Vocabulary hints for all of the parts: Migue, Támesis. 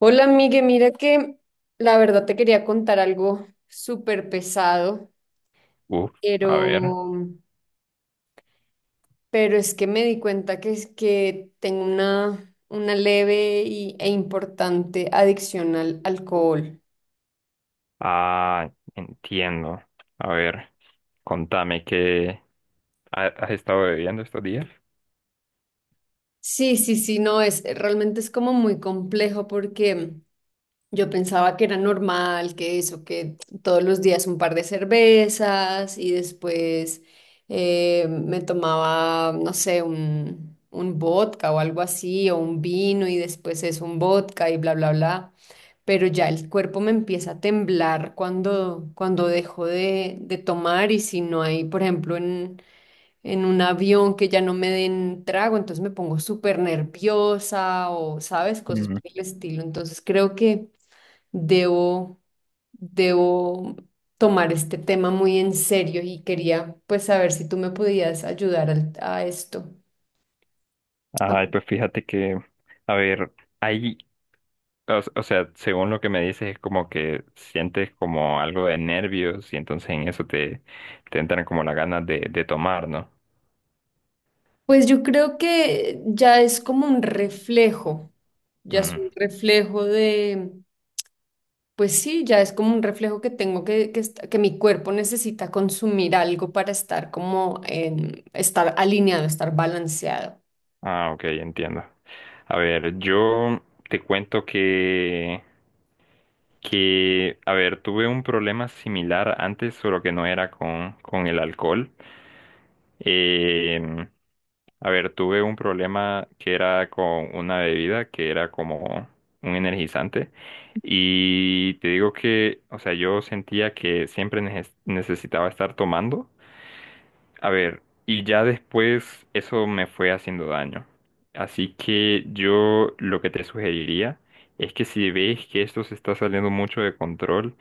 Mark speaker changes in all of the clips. Speaker 1: Hola, Migue, mira que la verdad te quería contar algo súper pesado,
Speaker 2: Uf,
Speaker 1: pero,
Speaker 2: a ver.
Speaker 1: pero es que me di cuenta que es que tengo una e importante adicción al alcohol.
Speaker 2: Ah, entiendo. A ver, contame has estado bebiendo estos días.
Speaker 1: Sí, sí, sí, no, es realmente es como muy complejo porque yo pensaba que era normal, que eso, que todos los días un par de cervezas y después me tomaba, no sé, un vodka o algo así, o un vino y después es un vodka y bla, bla, bla. Pero ya el cuerpo me empieza a temblar cuando dejo de tomar y si no hay, por ejemplo, en un avión que ya no me den trago, entonces me pongo súper nerviosa o, ¿sabes? Cosas
Speaker 2: Mm.
Speaker 1: por el estilo. Entonces creo que debo, debo tomar este tema muy en serio y quería pues saber si tú me podías ayudar a esto.
Speaker 2: Ay, pues fíjate que, a ver, ahí, o sea, según lo que me dices, es como que sientes como algo de nervios y entonces en te entran como las ganas de tomar, ¿no?
Speaker 1: Pues yo creo que ya es como un reflejo, ya es
Speaker 2: Mm.
Speaker 1: un reflejo de, pues sí, ya es como un reflejo que tengo que mi cuerpo necesita consumir algo para estar como estar alineado, estar balanceado.
Speaker 2: Ah, ok, entiendo. A ver, yo te cuento que, a ver, tuve un problema similar antes, solo que no era con el alcohol. Eh, a ver, tuve un problema que era con una bebida que era como un energizante. Y te digo que, o sea, yo sentía que siempre necesitaba estar tomando. A ver, y ya después eso me fue haciendo daño. Así que yo lo que te sugeriría es que, si ves que esto se está saliendo mucho de control,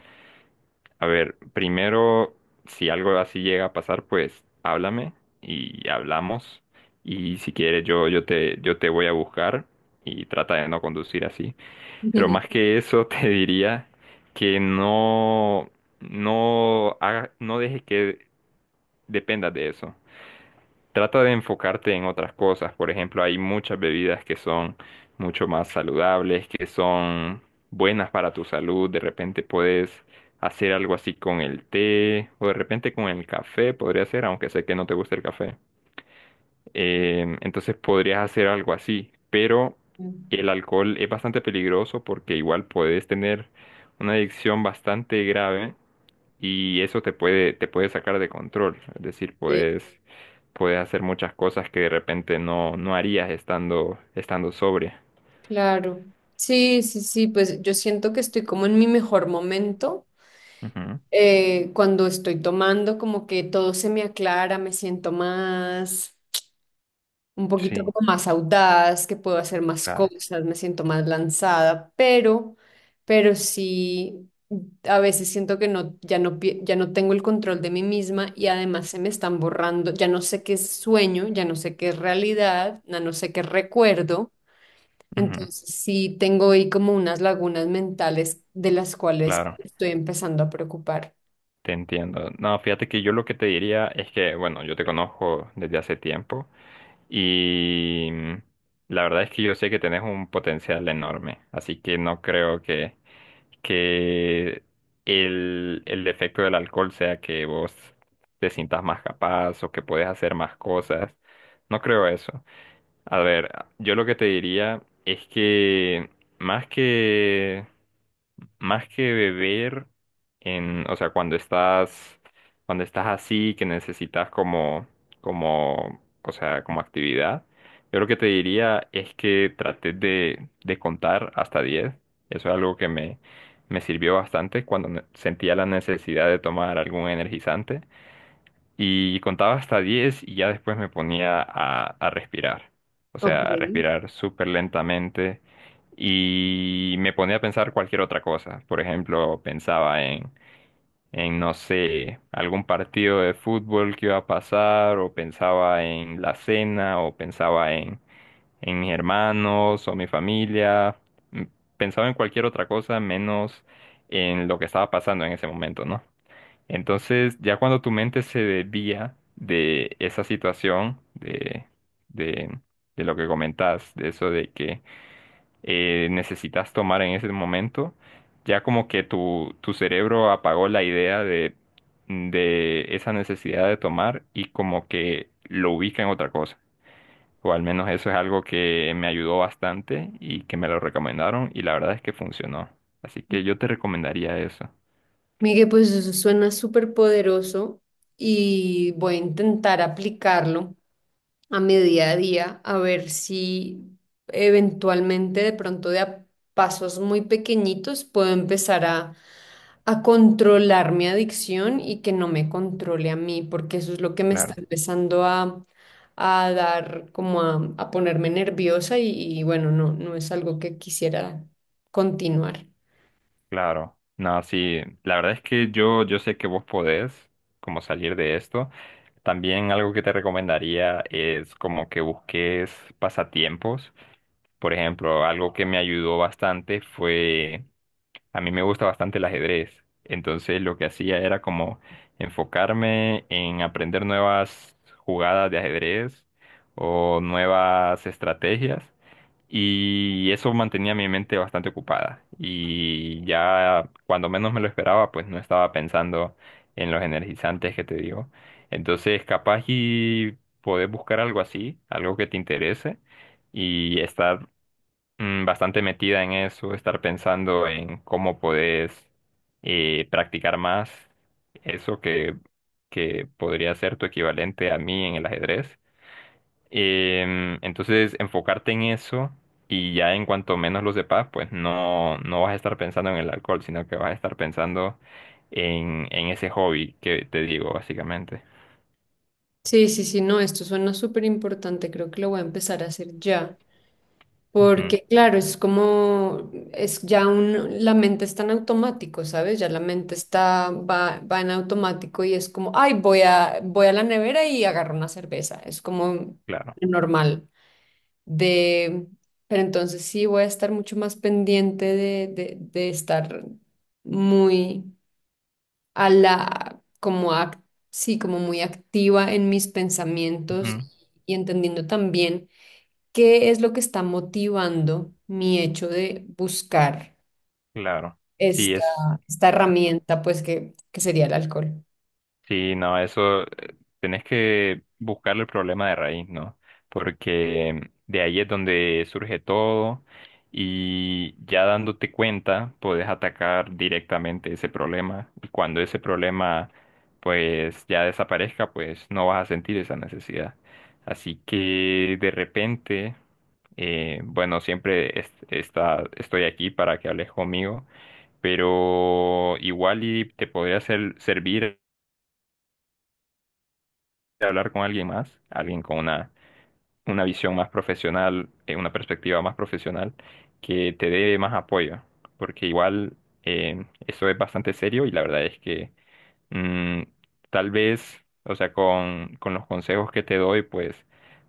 Speaker 2: a ver, primero, si algo así llega a pasar, pues háblame y hablamos. Y si quieres, yo te voy a buscar y trata de no conducir así. Pero más que eso, te diría que no, no, no dejes que dependas de eso. Trata de enfocarte en otras cosas. Por ejemplo, hay muchas bebidas que son mucho más saludables, que son buenas para tu salud. De repente puedes hacer algo así con el té, o de repente con el café, podría ser, aunque sé que no te gusta el café. Entonces podrías hacer algo así, pero
Speaker 1: Ujú.
Speaker 2: el alcohol es bastante peligroso porque igual puedes tener una adicción bastante grave y eso te te puede sacar de control. Es decir, puedes hacer muchas cosas que de repente no harías estando sobria.
Speaker 1: Claro. Sí, sí, sí, pues yo siento que estoy como en mi mejor momento.
Speaker 2: Ujú.
Speaker 1: Eh, cuando estoy tomando, como que todo se me aclara, me siento más, un poquito
Speaker 2: Sí,
Speaker 1: como más audaz, que puedo hacer más
Speaker 2: claro.
Speaker 1: cosas, me siento más lanzada, pero sí, a veces siento que no, ya no tengo el control de mí misma y además se me están borrando, ya no sé qué es sueño, ya no sé qué es realidad, ya no sé qué es recuerdo.
Speaker 2: Ujú.
Speaker 1: Entonces sí tengo ahí como unas lagunas mentales de las cuales
Speaker 2: Claro,
Speaker 1: estoy empezando a preocupar.
Speaker 2: te entiendo. No, fíjate que yo lo que te diría es que, bueno, yo te conozco desde hace tiempo y la verdad es que yo sé que tenés un potencial enorme, así que no creo que el efecto del alcohol sea que vos te sientas más capaz o que puedes hacer más cosas. No creo eso. A ver, yo lo que te diría es que más que más que beber o sea, cuando estás así, que necesitas o sea, como actividad, yo lo que te diría es que trates de contar hasta diez. Eso es algo me sirvió bastante cuando sentía la necesidad de tomar algún energizante y contaba hasta 10 y ya después me ponía a respirar. O sea,
Speaker 1: Ok.
Speaker 2: a respirar súper lentamente y me ponía a pensar cualquier otra cosa. Por ejemplo, no sé, algún partido de fútbol que iba a pasar, o pensaba en la cena, o en mis hermanos o mi familia. M- pensaba en cualquier otra cosa menos en lo que estaba pasando en ese momento, ¿no? Entonces, ya cuando tu mente se desvía de esa situación, de, de lo que comentas, de eso de que necesitas tomar en ese momento, ya como que tu cerebro apagó la idea de esa necesidad de tomar, y como que lo ubica en otra cosa. O al menos eso es algo que me ayudó bastante y que me lo recomendaron, y la verdad es que funcionó. Así que yo te recomendaría eso.
Speaker 1: Miguel, pues eso suena súper poderoso y voy a intentar aplicarlo a mi día a día, a ver si eventualmente de pronto de a pasos muy pequeñitos puedo empezar a controlar mi adicción y que no me controle a mí, porque eso es lo que me está
Speaker 2: Claro.
Speaker 1: empezando a dar, como a ponerme nerviosa y bueno, no, no es algo que quisiera continuar.
Speaker 2: Claro, no, sí, la verdad es que yo sé que vos podés como salir de esto. También algo que te recomendaría es como que busques pasatiempos. Por ejemplo, algo que me ayudó bastante fue, a mí me gusta bastante el ajedrez. Entonces lo que hacía era como enfocarme en aprender nuevas jugadas de ajedrez o nuevas estrategias. Y eso mantenía mi mente bastante ocupada. Y ya cuando menos me lo esperaba, pues no estaba pensando en los energizantes que te digo. Entonces, capaz y poder buscar algo así, algo que te interese, y estar bastante metida en eso, estar pensando en cómo podés practicar más eso que podría ser tu equivalente a mí en el ajedrez. Entonces, enfocarte en eso, y ya en cuanto menos lo sepas, pues no, no vas a estar pensando en el alcohol, sino que vas a estar pensando en ese hobby que te digo, básicamente.
Speaker 1: Sí, sí, sí, no, esto suena súper importante, creo que lo voy a empezar a hacer ya,
Speaker 2: Ujú,
Speaker 1: porque claro, es como, es ya un, la mente está en automático, ¿sabes? Ya la mente está, va en automático y es como, ay, voy a la nevera y agarro una cerveza, es como
Speaker 2: claro,
Speaker 1: normal de, pero entonces sí voy a estar mucho más pendiente de estar muy a la, sí, como muy activa en mis pensamientos
Speaker 2: ujú,
Speaker 1: y, entendiendo también qué es lo que está motivando mi hecho de buscar
Speaker 2: claro. Sí,
Speaker 1: esta,
Speaker 2: es.
Speaker 1: esta herramienta, pues que sería el alcohol.
Speaker 2: Sí, no, eso tenés que buscar el problema de raíz, ¿no? Porque de ahí es donde surge todo, y ya dándote cuenta podés atacar directamente ese problema, y cuando ese problema pues ya desaparezca, pues no vas a sentir esa necesidad. Así que de repente, bueno, siempre estoy aquí para que hables conmigo, pero igual y te podría servir de hablar con alguien más, alguien con una visión más profesional, una perspectiva más profesional, que te dé más apoyo, porque igual eso es bastante serio, y la verdad es que mm, tal vez, o sea, con los consejos que te doy, pues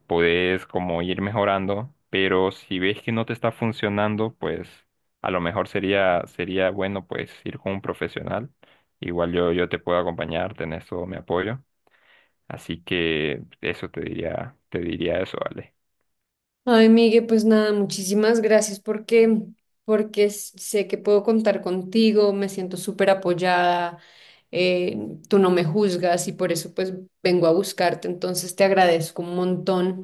Speaker 2: podés como ir mejorando, pero si ves que no te está funcionando, pues a lo mejor sería bueno pues ir con un profesional. Igual yo te puedo acompañar, tenés todo mi apoyo. Así que eso te diría eso, Ale.
Speaker 1: Ay, Migue, pues nada, muchísimas gracias porque, sé que puedo contar contigo, me siento súper apoyada, tú no me juzgas y por eso pues vengo a buscarte, entonces te agradezco un montón.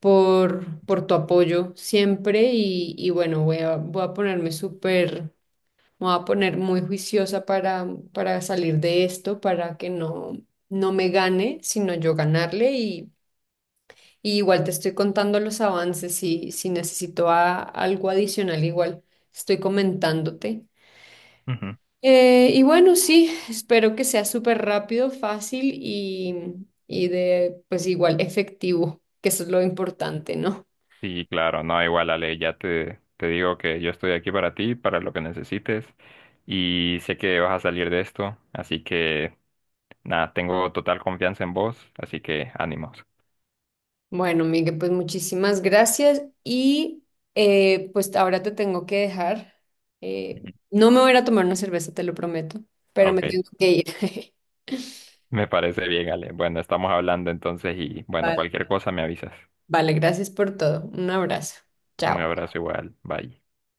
Speaker 1: Por por tu apoyo siempre y bueno, voy a ponerme súper, me voy a poner muy juiciosa para salir de esto, para que no, no me gane, sino yo ganarle y igual te estoy contando los avances si necesito algo adicional, igual estoy comentándote.
Speaker 2: Ujú.
Speaker 1: Y bueno, sí, espero que sea súper rápido, fácil y de, pues igual efectivo, que eso es lo importante, ¿no?
Speaker 2: Sí, claro, no, igual, Ale, ya te digo que yo estoy aquí para ti, para lo que necesites, y sé que vas a salir de esto, así que nada, tengo total confianza en vos, así que ánimos.
Speaker 1: Bueno, Miguel, pues muchísimas gracias y pues ahora te tengo que dejar. Eh,
Speaker 2: Ujú.
Speaker 1: no me voy a ir a tomar una cerveza, te lo prometo, pero me
Speaker 2: Ok,
Speaker 1: tengo que ir.
Speaker 2: me parece bien, Ale. Bueno, estamos hablando entonces y bueno,
Speaker 1: Vale.
Speaker 2: cualquier cosa me avisas.
Speaker 1: Vale, gracias por todo. Un abrazo.
Speaker 2: Un
Speaker 1: Chao.
Speaker 2: abrazo igual, bye.